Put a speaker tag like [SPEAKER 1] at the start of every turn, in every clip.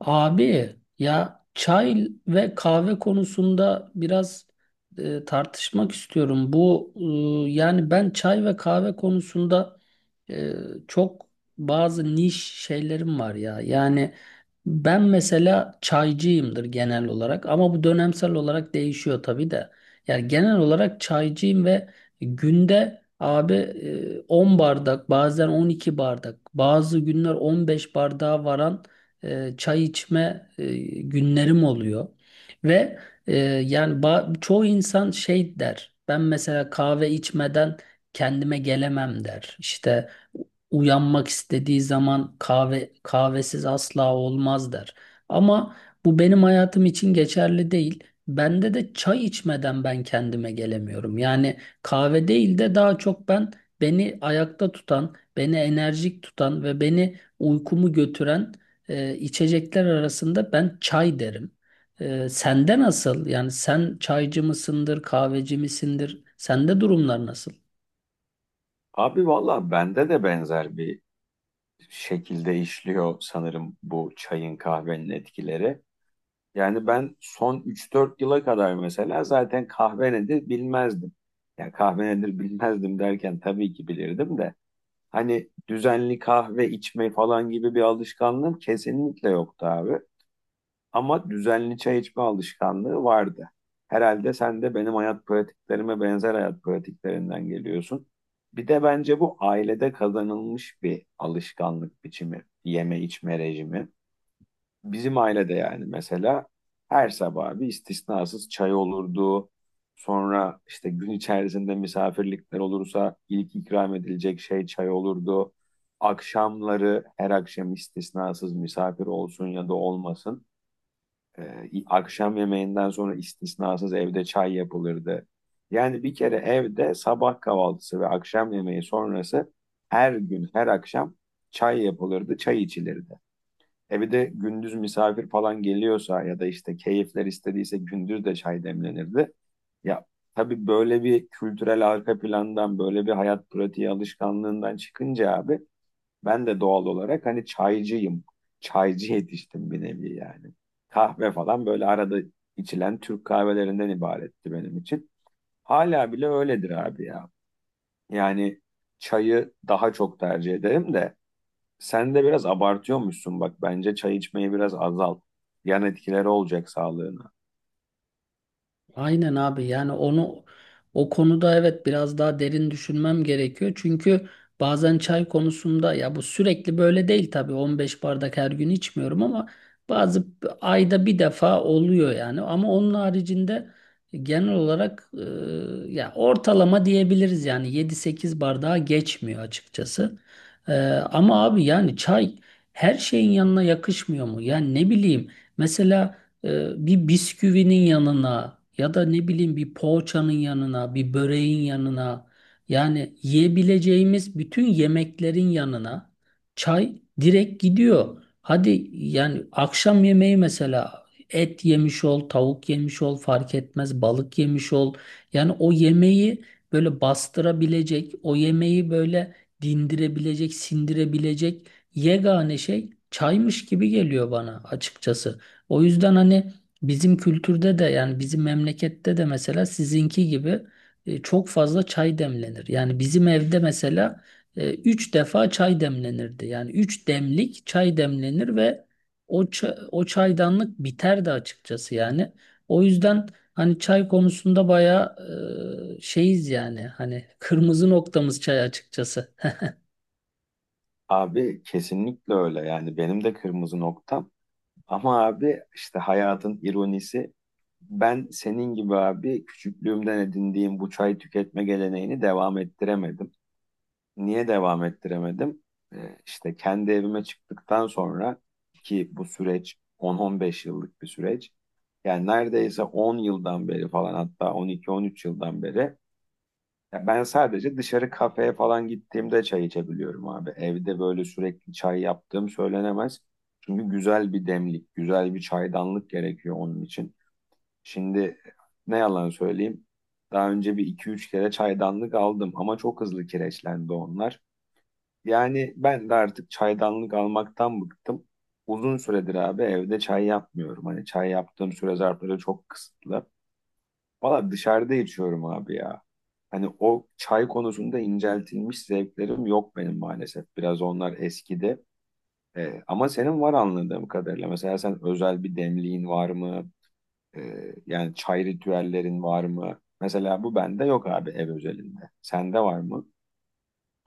[SPEAKER 1] Abi ya çay ve kahve konusunda biraz tartışmak istiyorum. Bu yani ben çay ve kahve konusunda e, çok bazı niş şeylerim var ya. Yani ben mesela çaycıyımdır genel olarak ama bu dönemsel olarak değişiyor tabii de. Yani genel olarak çaycıyım ve günde abi 10 bardak bazen 12 bardak bazı günler 15 bardağa varan çay içme günlerim oluyor. Ve e, yani çoğu insan şey der. Ben mesela kahve içmeden kendime gelemem der. İşte uyanmak istediği zaman kahvesiz asla olmaz der. Ama bu benim hayatım için geçerli değil. Bende de çay içmeden ben kendime gelemiyorum. Yani kahve değil de daha çok ben beni ayakta tutan, beni enerjik tutan ve beni uykumu götüren içecekler arasında ben çay derim. Sende nasıl? Yani sen çaycı mısındır, kahveci misindir? Sende durumlar nasıl?
[SPEAKER 2] Abi valla bende de benzer bir şekilde işliyor sanırım bu çayın kahvenin etkileri. Yani ben son üç dört yıla kadar mesela zaten kahve nedir bilmezdim. Ya kahve nedir bilmezdim derken tabii ki bilirdim de. Hani düzenli kahve içme falan gibi bir alışkanlığım kesinlikle yoktu abi. Ama düzenli çay içme alışkanlığı vardı. Herhalde sen de benim hayat pratiklerime benzer hayat pratiklerinden geliyorsun. Bir de bence bu ailede kazanılmış bir alışkanlık biçimi, yeme içme rejimi. Bizim ailede yani mesela her sabah bir istisnasız çay olurdu. Sonra işte gün içerisinde misafirlikler olursa ilk ikram edilecek şey çay olurdu. Akşamları her akşam istisnasız misafir olsun ya da olmasın akşam yemeğinden sonra istisnasız evde çay yapılırdı. Yani bir kere evde sabah kahvaltısı ve akşam yemeği sonrası her gün, her akşam çay yapılırdı, çay içilirdi. E bir de gündüz misafir falan geliyorsa ya da işte keyifler istediyse gündüz de çay demlenirdi. Ya tabii böyle bir kültürel arka plandan, böyle bir hayat pratiği alışkanlığından çıkınca abi ben de doğal olarak hani çaycıyım. Çaycı yetiştim bir nevi yani. Kahve falan böyle arada içilen Türk kahvelerinden ibaretti benim için. Hala bile öyledir abi ya. Yani çayı daha çok tercih ederim de sen de biraz abartıyormuşsun bak. Bence çay içmeyi biraz azalt. Yan etkileri olacak sağlığına.
[SPEAKER 1] Aynen abi, yani o konuda evet biraz daha derin düşünmem gerekiyor. Çünkü bazen çay konusunda ya bu sürekli böyle değil tabii, 15 bardak her gün içmiyorum ama bazı ayda bir defa oluyor yani. Ama onun haricinde genel olarak ya ortalama diyebiliriz, yani 7-8 bardağa geçmiyor açıkçası. Ama abi yani çay her şeyin yanına yakışmıyor mu? Yani ne bileyim, mesela bir bisküvinin yanına ya da ne bileyim bir poğaçanın yanına, bir böreğin yanına, yani yiyebileceğimiz bütün yemeklerin yanına çay direkt gidiyor. Hadi yani akşam yemeği, mesela et yemiş ol, tavuk yemiş ol fark etmez, balık yemiş ol. Yani o yemeği böyle bastırabilecek, o yemeği böyle dindirebilecek, sindirebilecek yegane şey çaymış gibi geliyor bana açıkçası. O yüzden hani bizim kültürde de, yani bizim memlekette de mesela sizinki gibi çok fazla çay demlenir. Yani bizim evde mesela 3 defa çay demlenirdi. Yani 3 demlik çay demlenir ve o çaydanlık biterdi açıkçası yani. O yüzden hani çay konusunda bayağı şeyiz yani. Hani kırmızı noktamız çay açıkçası.
[SPEAKER 2] Abi kesinlikle öyle yani benim de kırmızı noktam. Ama abi işte hayatın ironisi, ben senin gibi abi küçüklüğümden edindiğim bu çay tüketme geleneğini devam ettiremedim. Niye devam ettiremedim? İşte kendi evime çıktıktan sonra ki bu süreç 10-15 yıllık bir süreç. Yani neredeyse 10 yıldan beri falan hatta 12-13 yıldan beri ya ben sadece dışarı kafeye falan gittiğimde çay içebiliyorum abi. Evde böyle sürekli çay yaptığım söylenemez. Çünkü güzel bir demlik, güzel bir çaydanlık gerekiyor onun için. Şimdi ne yalan söyleyeyim. Daha önce bir iki üç kere çaydanlık aldım ama çok hızlı kireçlendi onlar. Yani ben de artık çaydanlık almaktan bıktım. Uzun süredir abi evde çay yapmıyorum. Hani çay yaptığım süre zarfları çok kısıtlı. Valla dışarıda içiyorum abi ya. Hani o çay konusunda inceltilmiş zevklerim yok benim maalesef. Biraz onlar eskidi. Ama senin var anladığım kadarıyla. Mesela sen özel bir demliğin var mı? Yani çay ritüellerin var mı? Mesela bu bende yok abi ev özelinde. Sende var mı?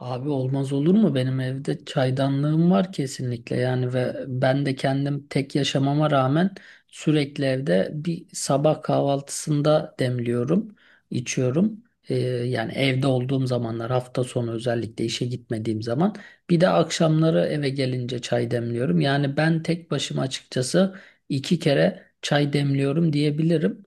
[SPEAKER 1] Abi olmaz olur mu? Benim evde çaydanlığım var kesinlikle yani, ve ben de kendim tek yaşamama rağmen sürekli evde bir sabah kahvaltısında demliyorum, içiyorum. Yani evde olduğum zamanlar, hafta sonu özellikle işe gitmediğim zaman, bir de akşamları eve gelince çay demliyorum. Yani ben tek başıma açıkçası 2 kere çay demliyorum diyebilirim.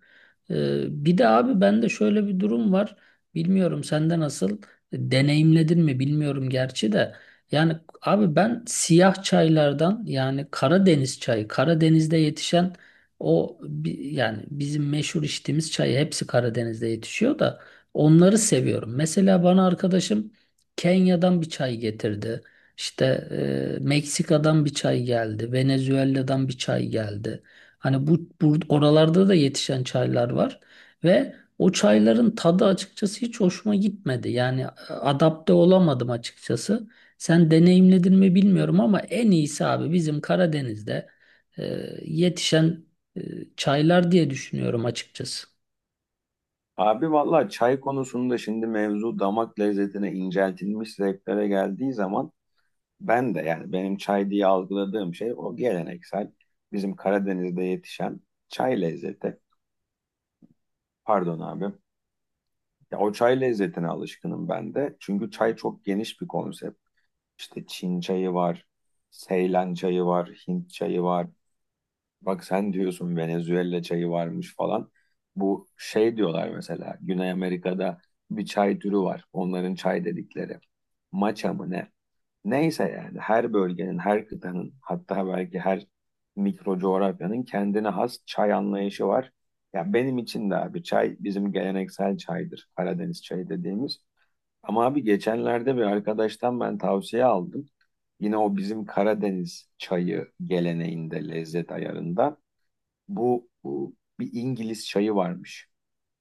[SPEAKER 1] Bir de abi bende şöyle bir durum var. Bilmiyorum sende nasıl, deneyimledin mi bilmiyorum gerçi de. Yani abi ben siyah çaylardan, yani Karadeniz çayı, Karadeniz'de yetişen yani bizim meşhur içtiğimiz çayı, hepsi Karadeniz'de yetişiyor da, onları seviyorum. Mesela bana arkadaşım Kenya'dan bir çay getirdi. İşte Meksika'dan bir çay geldi, Venezuela'dan bir çay geldi. Hani bu oralarda da yetişen çaylar var ve o çayların tadı açıkçası hiç hoşuma gitmedi. Yani adapte olamadım açıkçası. Sen deneyimledin mi bilmiyorum ama en iyisi abi bizim Karadeniz'de e, yetişen e, çaylar diye düşünüyorum açıkçası.
[SPEAKER 2] Abi vallahi çay konusunda şimdi mevzu damak lezzetine inceltilmiş zevklere geldiği zaman ben de yani benim çay diye algıladığım şey o geleneksel bizim Karadeniz'de yetişen çay lezzeti. Pardon abi. Ya o çay lezzetine alışkınım ben de. Çünkü çay çok geniş bir konsept. İşte Çin çayı var, Seylan çayı var, Hint çayı var. Bak sen diyorsun Venezuela çayı varmış falan. Bu şey diyorlar mesela Güney Amerika'da bir çay türü var. Onların çay dedikleri. Maça mı ne? Neyse yani her bölgenin, her kıtanın hatta belki her mikro coğrafyanın kendine has çay anlayışı var. Ya benim için de abi çay bizim geleneksel çaydır. Karadeniz çayı dediğimiz. Ama abi geçenlerde bir arkadaştan ben tavsiye aldım. Yine o bizim Karadeniz çayı geleneğinde, lezzet ayarında. Bu bir İngiliz çayı varmış.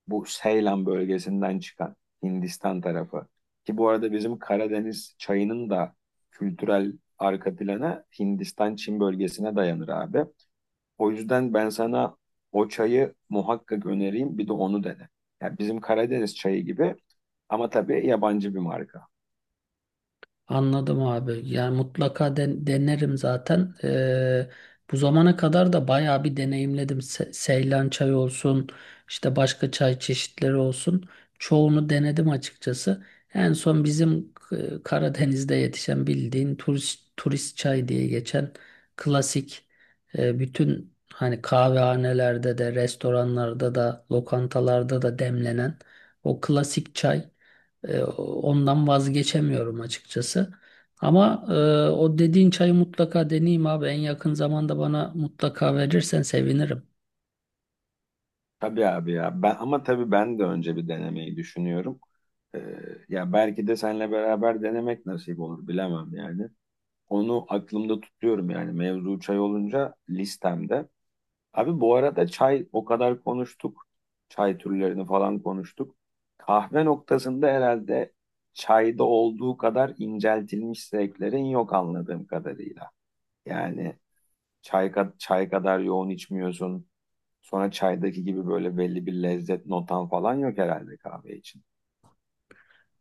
[SPEAKER 2] Bu Seylan bölgesinden çıkan Hindistan tarafı. Ki bu arada bizim Karadeniz çayının da kültürel arka planı Hindistan-Çin bölgesine dayanır abi. O yüzden ben sana o çayı muhakkak önereyim bir de onu dene. Yani bizim Karadeniz çayı gibi ama tabii yabancı bir marka.
[SPEAKER 1] Anladım abi. Yani mutlaka denerim zaten. Bu zamana kadar da bayağı bir deneyimledim. Seylan çayı olsun, işte başka çay çeşitleri olsun. Çoğunu denedim açıkçası. En son bizim Karadeniz'de yetişen, bildiğin turist turist çay diye geçen klasik, bütün hani kahvehanelerde de, restoranlarda da, lokantalarda da demlenen o klasik çay. Ondan vazgeçemiyorum açıkçası. Ama o dediğin çayı mutlaka deneyeyim abi. En yakın zamanda bana mutlaka verirsen sevinirim.
[SPEAKER 2] Tabii abi ya. Ben, ama tabii ben de önce bir denemeyi düşünüyorum. Ee, Ya belki de seninle beraber denemek nasip olur bilemem yani. Onu aklımda tutuyorum yani mevzu çay olunca listemde. Abi bu arada çay o kadar konuştuk. Çay türlerini falan konuştuk. Kahve noktasında herhalde çayda olduğu kadar inceltilmiş zevklerin yok anladığım kadarıyla. Yani çay kadar yoğun içmiyorsun. Sonra çaydaki gibi böyle belli bir lezzet notan falan yok herhalde kahve için.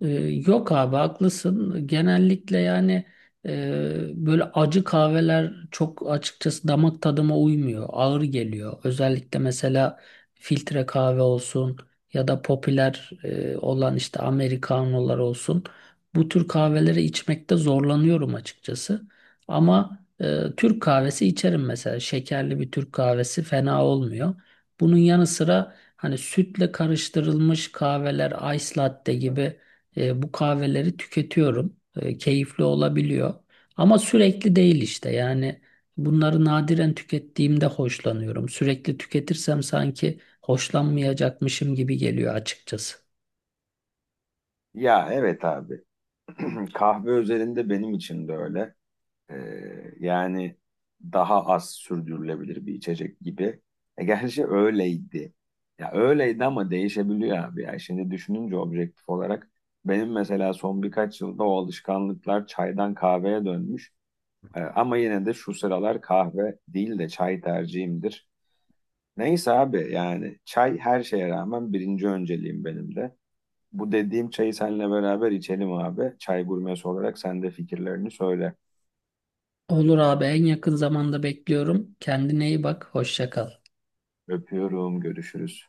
[SPEAKER 1] Ee, Yok abi, haklısın. Genellikle yani böyle acı kahveler çok açıkçası damak tadıma uymuyor. Ağır geliyor. Özellikle mesela filtre kahve olsun ya da popüler olan işte Amerikanolar olsun. Bu tür kahveleri içmekte zorlanıyorum açıkçası. Ama Türk kahvesi içerim mesela. Şekerli bir Türk kahvesi fena olmuyor. Bunun yanı sıra hani sütle karıştırılmış kahveler, ice latte gibi bu kahveleri tüketiyorum. Keyifli olabiliyor. Ama sürekli değil işte. Yani bunları nadiren tükettiğimde hoşlanıyorum. Sürekli tüketirsem sanki hoşlanmayacakmışım gibi geliyor açıkçası.
[SPEAKER 2] Ya evet abi. Kahve özelinde benim için de öyle. Yani daha az sürdürülebilir bir içecek gibi. E, gerçi öyleydi. Ya öyleydi ama değişebiliyor abi. Ya şimdi düşününce objektif olarak benim mesela son birkaç yılda o alışkanlıklar çaydan kahveye dönmüş. Ama yine de şu sıralar kahve değil de çay tercihimdir. Neyse abi yani çay her şeye rağmen birinci önceliğim benim de. Bu dediğim çayı seninle beraber içelim abi. Çay gurmesi olarak sen de fikirlerini söyle.
[SPEAKER 1] Olur abi, en yakın zamanda bekliyorum. Kendine iyi bak. Hoşça kal.
[SPEAKER 2] Öpüyorum, görüşürüz.